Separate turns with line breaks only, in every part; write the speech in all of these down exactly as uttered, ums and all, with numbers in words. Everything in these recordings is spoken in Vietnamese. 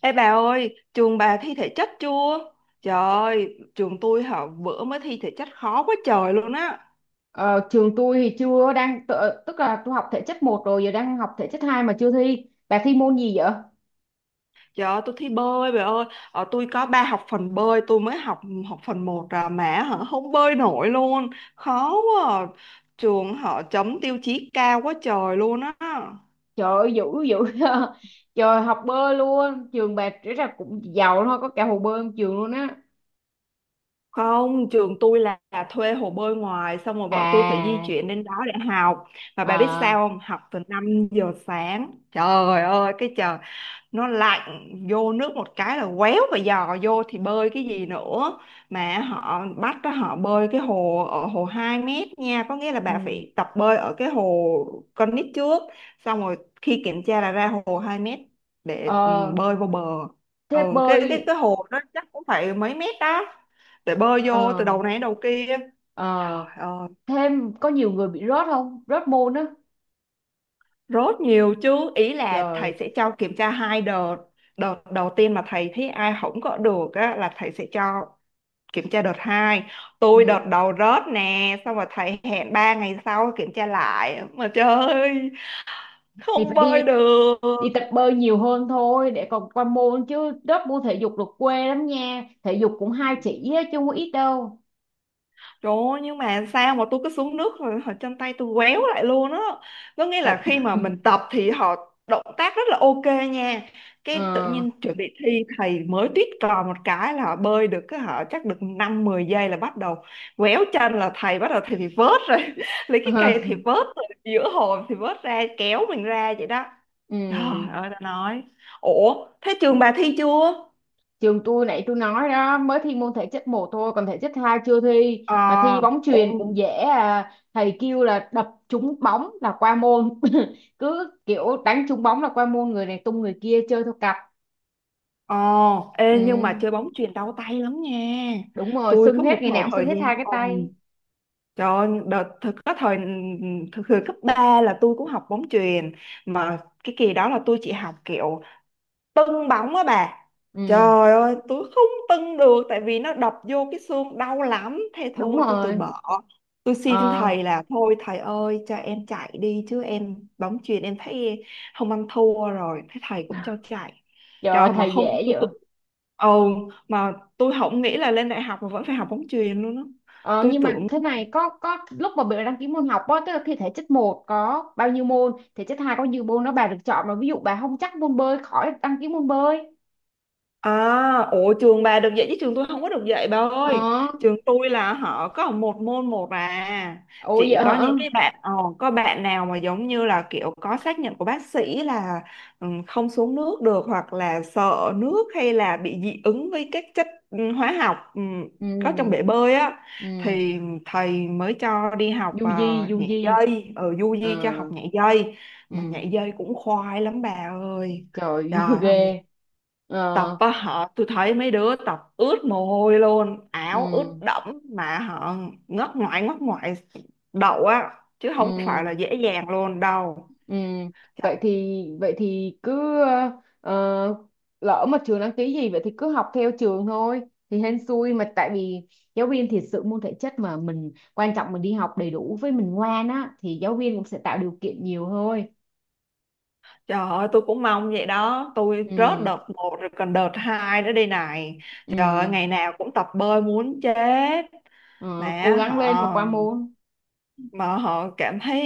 Ê bà ơi, trường bà thi thể chất chưa? Trời ơi, trường tôi hả bữa mới thi thể chất khó quá trời luôn á.
Ờ, trường tôi thì chưa đang tự- tức là tôi học thể chất một rồi giờ đang học thể chất hai mà chưa thi. Bà thi môn gì vậy?
Trời ơi, tôi thi bơi bà ơi. Ờ, tôi có ba học phần bơi, tôi mới học học phần một, à mà hả không bơi nổi luôn. Khó quá. À. Trường họ chấm tiêu chí cao quá trời luôn á.
Trời ơi, dữ dữ trời, học bơi luôn? Trường bà rất là cũng giàu thôi, có cả hồ bơi trong trường luôn á.
Không, trường tôi là là thuê hồ bơi ngoài, xong rồi bọn tôi phải di
À.
chuyển đến đó để học. Mà bà biết
À.
sao không? Học từ năm giờ sáng. Trời ơi, cái trời nó lạnh, vô nước một cái là quéo, và dò vô thì bơi cái gì nữa. Mà họ bắt đó, họ bơi cái hồ ở hồ hai mét nha, có nghĩa là bà
Ừ.
phải tập bơi ở cái hồ con nít trước, xong rồi khi kiểm tra là ra hồ hai mét, để ừ,
Ờ,
bơi vô bờ. ừ,
thế
cái cái
bơi.
cái hồ đó chắc cũng phải mấy mét đó, để bơi vô từ
Ờ,
đầu này đến đầu kia.
ờ,
Trời ơi.
thêm có nhiều người bị rớt, không, rớt môn á?
Rốt nhiều chứ, ý là
Trời.
thầy sẽ cho kiểm tra hai đợt. Đợt đầu tiên mà thầy thấy ai không có được á, là thầy sẽ cho kiểm tra đợt hai.
Ừ.
Tôi đợt đầu rớt nè, xong rồi thầy hẹn ba ngày sau kiểm tra lại. Mà trời ơi,
Thì
không
phải
bơi
đi
được.
đi tập bơi nhiều hơn thôi để còn qua môn chứ, lớp môn thể dục được quê lắm nha, thể dục cũng hai chỉ á, chứ không có ít đâu.
Trời ơi, nhưng mà sao mà tôi cứ xuống nước rồi họ chân tay tôi quéo lại luôn á. Có nghĩa là
Tại.
khi mà mình tập thì họ động tác rất là ok nha.
ờ
Cái tự nhiên chuẩn bị thi thầy mới tuyết cò một cái là họ bơi được, cái họ chắc được năm mười giây là bắt đầu quéo chân, là thầy bắt đầu thầy thì vớt rồi Lấy
ờ.
cái cây thì vớt rồi, giữa hồ thì vớt ra kéo mình ra vậy đó. Trời
Ừm.
ơi ta nói. Ủa thế trường bà thi chưa?
Trường tôi nãy tôi nói đó, mới thi môn thể chất một thôi, còn thể chất hai chưa thi.
Ờ,
Mà thi bóng
ủa.
chuyền cũng dễ à. Thầy kêu là đập trúng bóng là qua môn cứ kiểu đánh trúng bóng là qua môn, người này tung người kia chơi theo cặp.
Ồ, ê,
Ừ.
nhưng mà chơi bóng chuyền đau tay lắm nha.
Đúng rồi,
Tôi
sưng
có
hết,
một
ngày
thời
nào cũng sưng
thời
hết
gian.
hai cái
Ồ,
tay.
trời ơi, đợt thực có thời thực thời cấp ba là tôi cũng học bóng chuyền, mà cái kỳ đó là tôi chỉ học kiểu tưng bóng á bà.
Ừ.
Trời ơi tôi không tưng được, tại vì nó đập vô cái xương đau lắm, thế
Đúng
thôi tôi từ
rồi.
bỏ. Tôi xin
Ờ.
thầy là thôi thầy ơi cho em chạy đi, chứ em bóng chuyền em thấy không ăn thua rồi, thế thầy cũng cho chạy.
Trời ơi,
Trời, mà
thầy dễ
không, tôi
vậy.
tôi ừ, mà tôi không nghĩ là lên đại học mà vẫn phải học bóng chuyền luôn á.
Ờ,
Tôi
nhưng mà
tưởng.
thế này, có có lúc mà bà đăng ký môn học á, tức là thi thể chất một có bao nhiêu môn, thể chất hai có bao nhiêu môn đó, bà được chọn mà. Ví dụ bà không chắc môn bơi, khỏi đăng ký môn bơi.
À, ủa trường bà được dạy chứ trường tôi không có được dạy bà ơi.
Ờ,
Trường tôi là họ có một môn một à.
ủa
Chỉ
vậy
có
hả?
những cái bạn, ờ, có bạn nào mà giống như là kiểu có xác nhận của bác sĩ là, ừ, không xuống nước được, hoặc là sợ nước, hay là bị dị ứng với các chất, ừ, hóa học, ừ, có trong
Ừ.
bể bơi á,
Ừ.
thì thầy mới cho đi học,
Du
ờ,
di, du
nhảy
di.
dây, ở du
Ờ.
di cho học nhảy dây.
Ừ.
Mà nhảy dây cũng khoai lắm bà ơi. Trời
Trời ghê.
ơi tập
Ờ.
á họ, tôi thấy mấy đứa tập ướt mồ hôi luôn, áo ướt
Ừ.
đẫm mà họ ngất ngoại, ngất ngoại đậu á, chứ không phải là
Ừ.
dễ dàng luôn đâu.
Ừ,
Trời,
vậy thì vậy thì cứ ờ, ờ, lỡ mà trường đăng ký gì vậy thì cứ học theo trường thôi, thì hên xui. Mà tại vì giáo viên thiệt sự môn thể chất mà mình quan trọng, mình đi học đầy đủ với mình ngoan á thì giáo viên cũng sẽ tạo điều kiện nhiều thôi.
trời ơi tôi cũng mong vậy đó, tôi rớt
Ừ.
đợt một rồi, còn đợt hai nữa đây này. Trời ơi,
Ừ.
ngày nào cũng tập bơi muốn chết.
Ờ, cố
mà
gắng lên mà
họ
qua môn.
mà họ cảm thấy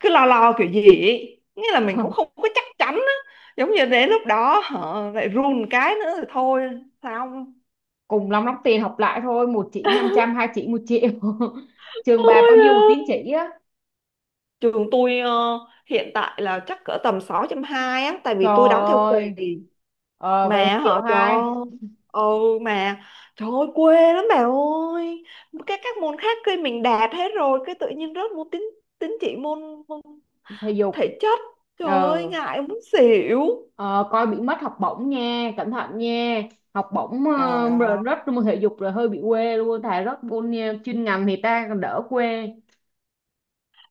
cứ lo lo kiểu gì ấy. Nghĩa là mình cũng không có chắc chắn á, giống như đến lúc đó họ lại run cái nữa rồi thôi sao.
Cùng lắm lắm tiền học lại thôi, một chỉ năm trăm, hai chỉ một triệu. Trường bà
Ôi
bao nhiêu một tín
da.
chỉ á?
Trường tôi, ờ, hiện tại là chắc cỡ tầm sáu chấm hai á, tại vì tôi
Trời
đóng theo
ơi.
kỳ.
Ờ, vậy thì
Mà
triệu
họ trời
hai.
ơi, ừ mà trời ơi quê lắm bà ơi. Các các môn khác kia mình đạt hết rồi, cái tự nhiên rớt môn tín tín chỉ môn, môn
Thể dục.
thể chất. Trời
Ờ.
ơi ngại muốn xỉu.
Ờ, coi bị mất học bổng nha, cẩn thận nha. Học bổng,
Trời
ờ, rồi
ơi,
rớt môn thể dục rồi hơi bị quê luôn, thà rớt môn ờ, chuyên ngành thì ta còn đỡ quê.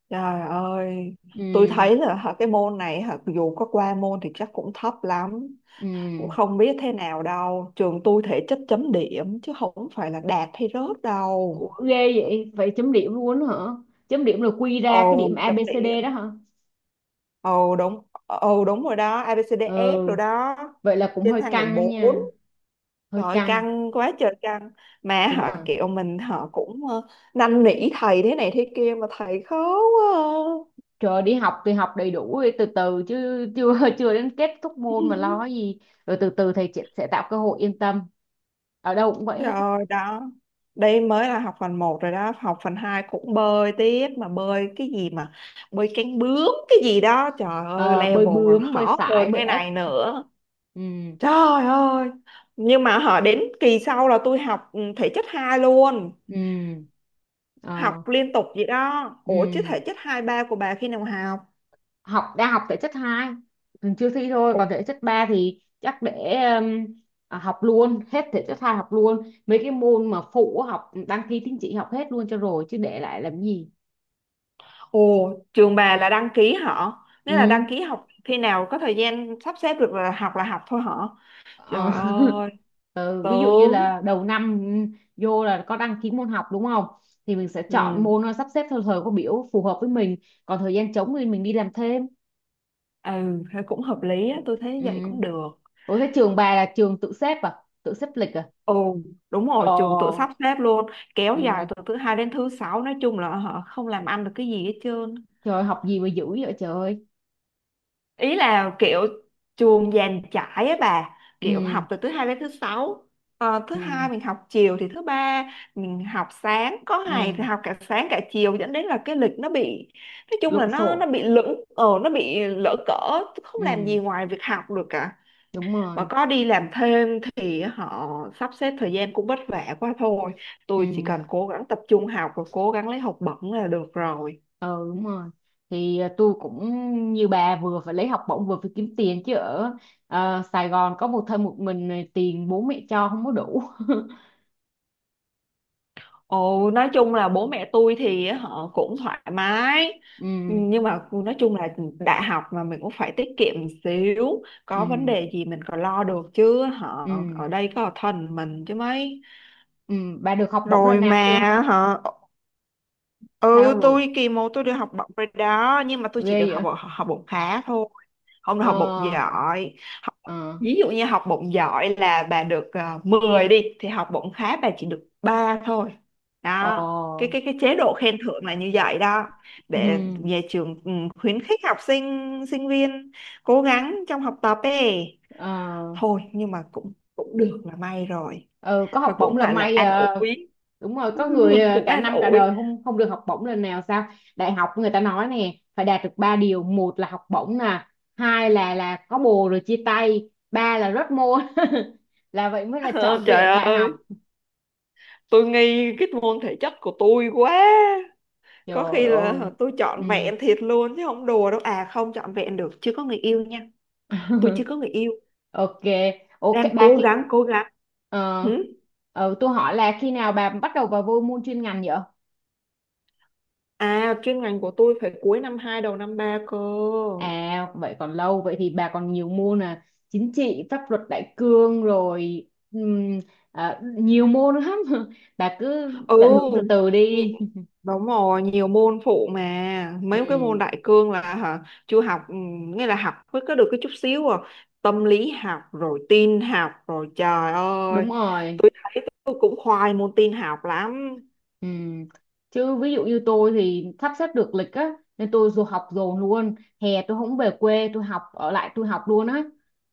trời ơi tôi
Ừ.
thấy là hả, cái môn này hả, dù có qua môn thì chắc cũng thấp lắm. Cũng
Ừ.
không biết thế nào đâu, trường tôi thể chất chấm điểm chứ không phải là đạt hay rớt đâu.
Ủa, ghê vậy, vậy chấm điểm luôn đó hả? Chấm điểm là quy ra cái
ồ
điểm A,
chấm
ABCD
điểm
đó hả?
ồ đúng ồ đúng rồi đó, A
Ừ,
ABCDF rồi đó,
vậy là cũng
trên
hơi
thang
căng
điểm
đó
bốn.
nha. Hơi
Rồi,
căng.
căng quá trời căng, mà
Đúng
họ
rồi.
kiểu mình họ cũng, ờ, năn nỉ thầy thế này thế kia mà thầy khó quá.
Trời, đi học thì học đầy đủ đi, từ từ chứ, chưa chưa đến kết thúc môn mà
À.
lo cái gì. Rồi từ từ thầy chị sẽ tạo cơ hội, yên tâm, ở đâu cũng vậy
Trời
hết.
ơi đó. Đây mới là học phần một rồi đó, học phần hai cũng bơi tiếp. Mà bơi cái gì mà, bơi cánh bướm cái gì đó, trời ơi
Ờ, bơi
level còn
bướm, bơi
khó
sải,
hơn
bơi
cái
ếch.
này nữa.
Ừ.
Trời ơi. Nhưng mà họ đến kỳ sau là tôi học, ừ, thể chất hai luôn.
Ừ.
Học
Ờ.
liên tục vậy đó. Ủa chứ
Ừ.
thể chất hai ba của bà khi nào học?
Học, đang học thể chất hai, mình chưa thi thôi.
Ồ
Còn thể chất ba thì chắc để um, à, học luôn hết thể chất hai, học luôn mấy cái môn mà phụ á, học đăng ký tín chỉ học hết luôn cho rồi chứ để lại làm gì.
trường bà là đăng ký họ, nếu là đăng
Ừ.
ký học khi nào có thời gian sắp xếp được là học là học thôi hả?
Ờ.
Trời ơi,
Ờ, ví dụ như
tướng.
là đầu năm, ừ, vô là có đăng ký môn học đúng không, thì mình sẽ chọn
Ừ,
môn, nó sắp xếp theo thời khóa biểu phù hợp với mình. Còn thời gian trống thì mình đi làm thêm.
ừ thế cũng hợp lý á, tôi thấy
Ừ.
vậy cũng được.
Ủa thế trường bà là trường tự xếp à? Tự xếp lịch à?
Ồ đúng
Ờ.
rồi, trường tự sắp xếp luôn, kéo dài
Ừ.
từ thứ hai đến thứ sáu, nói chung là họ không làm ăn được cái gì hết trơn.
Trời ơi, học gì mà dữ vậy trời ơi.
Ý là kiểu trường dàn trải á bà,
Ừ.
kiểu học từ thứ hai đến thứ sáu. Ờ, thứ
Ừ.
hai mình học chiều thì thứ ba mình học sáng, có ngày
Ừ,
thì học cả sáng cả chiều, dẫn đến là cái lịch nó bị, nói chung là
lộn
nó
xộn.
nó bị lững, ờ nó bị lỡ cỡ, không làm gì
Ừ,
ngoài việc học được cả.
đúng
Mà
rồi.
có đi làm thêm thì họ sắp xếp thời gian cũng vất vả quá thôi. Tôi chỉ
Ừ,
cần cố gắng tập trung học và cố gắng lấy học bổng là được rồi.
ờ đúng rồi. Thì à, tôi cũng như bà, vừa phải lấy học bổng vừa phải kiếm tiền chứ ở ờ, Sài Gòn có một thân một mình này, tiền bố mẹ cho không có đủ.
Ồ nói chung là bố mẹ tôi thì họ cũng thoải mái,
Ừ.
nhưng mà nói chung là đại học mà mình cũng phải tiết kiệm một xíu,
Ừ.
có vấn đề gì mình còn lo được, chứ họ
Ừ.
ở đây có thần mình chứ mấy.
Ừ. Bà được học bổng lần
Rồi
nào
mà,
chưa?
hả, ừ
Sao rồi?
tôi kỳ một tôi được học bổng rồi đó, nhưng mà tôi
Ghê
chỉ được học
vậy?
bổng, học bổng khá thôi, không được học bổng
Ờ.
giỏi. Học,
Ờ.
ví dụ như học bổng giỏi là bà được, uh, mười đi, thì học bổng khá bà chỉ được ba thôi
Ờ.
đó. Cái cái cái chế độ khen thưởng là như vậy đó,
Ừ.
để nhà trường, ừ, khuyến khích học sinh sinh viên cố gắng trong học tập ấy
Ờ,
thôi, nhưng mà cũng cũng được là may rồi.
ừ, có học
Rồi
bổng
cũng
là
gọi là
may.
an
Ờ,
ủi.
đúng rồi, có người ờ,
Cũng
cả
an
năm cả
ủi.
đời không không được học bổng lần nào sao. Đại học người ta nói nè, phải đạt được ba điều: một là học bổng nè, hai là là có bồ rồi chia tay, ba là rớt môn là vậy mới là
Ờ,
trọn vẹn
trời
đại học.
ơi tôi nghi cái môn thể chất của tôi quá, có
Trời
khi
ơi.
là tôi
Ừ.
chọn vẹn thiệt luôn chứ không đùa đâu, à không chọn vẹn được, chưa có người yêu nha. Tôi chưa có người yêu,
Ok. Ok
đang
bà,
cố
khi
gắng cố gắng
ờ,
Hử?
ờ, tôi hỏi là khi nào bà bắt đầu vào vô môn chuyên ngành vậy.
À chuyên ngành của tôi phải cuối năm hai đầu năm ba cơ.
À vậy còn lâu, vậy thì bà còn nhiều môn là chính trị, pháp luật đại cương rồi, ừm, à, nhiều môn lắm bà cứ
Ừ,
tận hưởng từ từ
nhị-
đi.
đúng rồi nhiều môn phụ, mà mấy cái môn
Ừ,
đại cương là hả chưa học, ừ, nghĩa là học mới có được cái chút xíu à, tâm lý học rồi tin học rồi trời ơi.
đúng rồi.
Tôi thấy tôi cũng khoai môn tin học lắm.
Ừ. Chứ ví dụ như tôi thì sắp xếp được lịch á nên tôi dù học dồn luôn, hè tôi không về quê, tôi học ở lại, tôi học luôn á.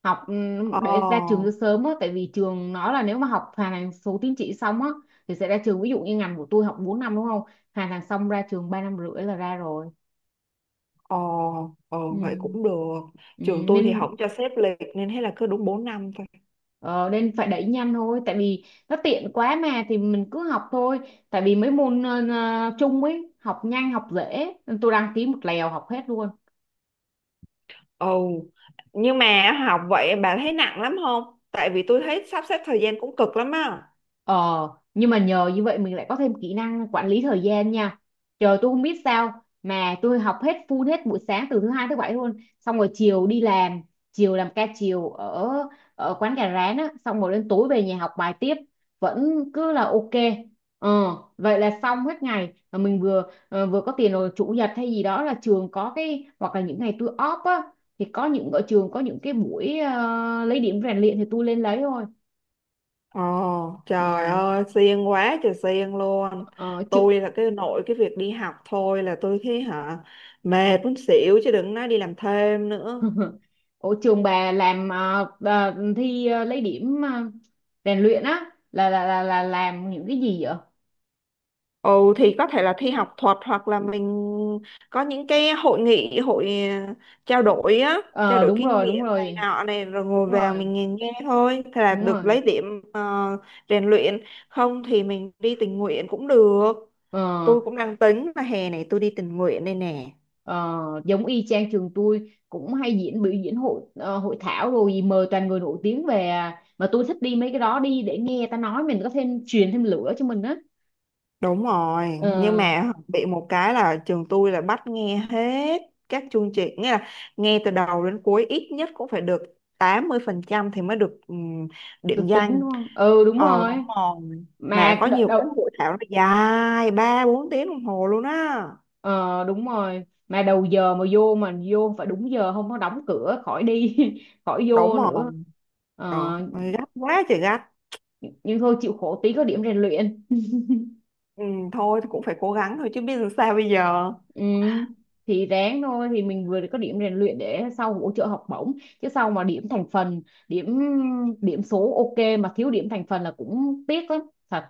Học ừm, để ra trường
Ờ
cho sớm á, tại vì trường nói là nếu mà học hoàn thành số tín chỉ xong á thì sẽ ra trường. Ví dụ như ngành của tôi học bốn năm đúng không, hoàn thành xong ra trường ba năm rưỡi là ra rồi.
ờ, ờ
Ừ.
vậy cũng được,
Ừ,
trường tôi thì
nên.
không cho xếp lịch nên thế là cứ đúng bốn năm thôi.
Ờ, nên phải đẩy nhanh thôi, tại vì nó tiện quá mà, thì mình cứ học thôi. Tại vì mấy môn ờ, ờ, chung ấy học nhanh, học dễ, tôi đăng ký một lèo học hết luôn.
Ừ, nhưng mà học vậy bà thấy nặng lắm không, tại vì tôi thấy sắp xếp thời gian cũng cực lắm á.
Ờ, nhưng mà nhờ như vậy mình lại có thêm kỹ năng quản lý thời gian nha. Trời, tôi không biết sao mà tôi học hết full hết buổi sáng từ thứ hai tới bảy luôn, xong rồi chiều đi làm, chiều làm ca chiều ở ở quán gà rán á, xong rồi đến tối về nhà học bài tiếp, vẫn cứ là ok. Ờ, vậy là xong hết ngày mà mình vừa ờ, vừa có tiền. Rồi chủ nhật hay gì đó là trường có cái, hoặc là những ngày tôi off á thì có những ở trường có những cái buổi ờ, lấy điểm rèn luyện thì tôi lên lấy thôi.
Ồ, trời
Ừ,
ơi, siêng quá trời siêng luôn.
ờ, chứ
Tôi là cái nội cái việc đi học thôi là tôi thấy hả, mệt muốn xỉu chứ đừng nói đi làm thêm nữa.
Ủa trường bà làm, ờ, bà thi, ờ, lấy điểm, ờ, rèn luyện á là, là là là làm những cái gì vậy?
Ồ, thì có thể là thi học thuật, hoặc là mình có những cái hội nghị, hội, ờ, trao đổi á, trao
Ờ
đổi
đúng
kinh
rồi, đúng
nghiệm này
rồi,
nọ này, rồi ngồi
đúng
vào
rồi,
mình nghe nghe thôi. Thế là
đúng
được
rồi.
lấy điểm, ờ, rèn luyện. Không thì mình đi tình nguyện cũng được.
Ờ.
Tôi cũng đang tính là hè này tôi đi tình nguyện đây nè.
Ờ, giống y chang, trường tôi cũng hay diễn, biểu diễn hội, ờ, hội thảo rồi gì, mời toàn người nổi tiếng về à. Mà tôi thích đi mấy cái đó, đi để nghe ta nói mình có thêm, truyền thêm lửa cho mình á.
Đúng rồi,
Ờ,
nhưng mà bị một cái là trường tôi là bắt nghe hết các chương trình, nghĩa là nghe từ đầu đến cuối ít nhất cũng phải được tám mươi phần trăm thì mới được, ừm, điểm
được tính đúng
danh.
không? Ừ đúng
Ờ đúng
rồi.
rồi. Mà
Mà
có nhiều cái
đợt,
hội thảo nó dài ba bốn tiếng đồng hồ luôn á.
ờ đúng rồi, mà đầu giờ mà vô mà vô phải đúng giờ, không có đóng cửa khỏi đi khỏi
Đúng
vô
rồi.
nữa.
Trời
Ờ,
ơi, gắt quá trời gắt.
nhưng thôi chịu khổ tí có điểm rèn luyện.
Ừ, thôi thì cũng phải cố gắng thôi chứ biết làm sao bây giờ.
Ừ. Thì ráng thôi, thì mình vừa có điểm rèn luyện để sau hỗ trợ học bổng. Chứ sau mà điểm thành phần, điểm điểm số ok mà thiếu điểm thành phần là cũng tiếc lắm, thật.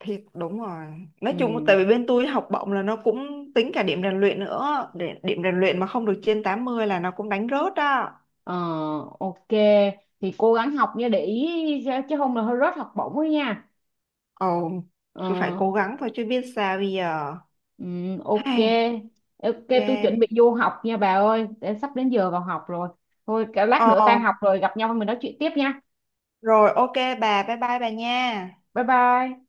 Thiệt đúng rồi. Nói
Ừ.
chung tại vì bên tôi học bổng là nó cũng tính cả điểm rèn luyện nữa. Điểm, điểm rèn luyện mà không được trên tám mươi là nó cũng đánh rớt đó.
Ờ, ok, thì cố gắng học nha, để ý, chứ không là hơi rớt học bổng ấy nha.
Ồ,
Ờ.
cứ phải cố gắng thôi chứ biết sao bây giờ.
Ừ, ok.
Hay,
Ok,
ok.
tôi chuẩn bị vô học nha bà ơi, để sắp đến giờ vào học rồi, thôi cả lát nữa
Ồ,
tan học rồi gặp nhau mình nói chuyện tiếp nha.
rồi ok bà, bye bye bà nha.
Bye bye.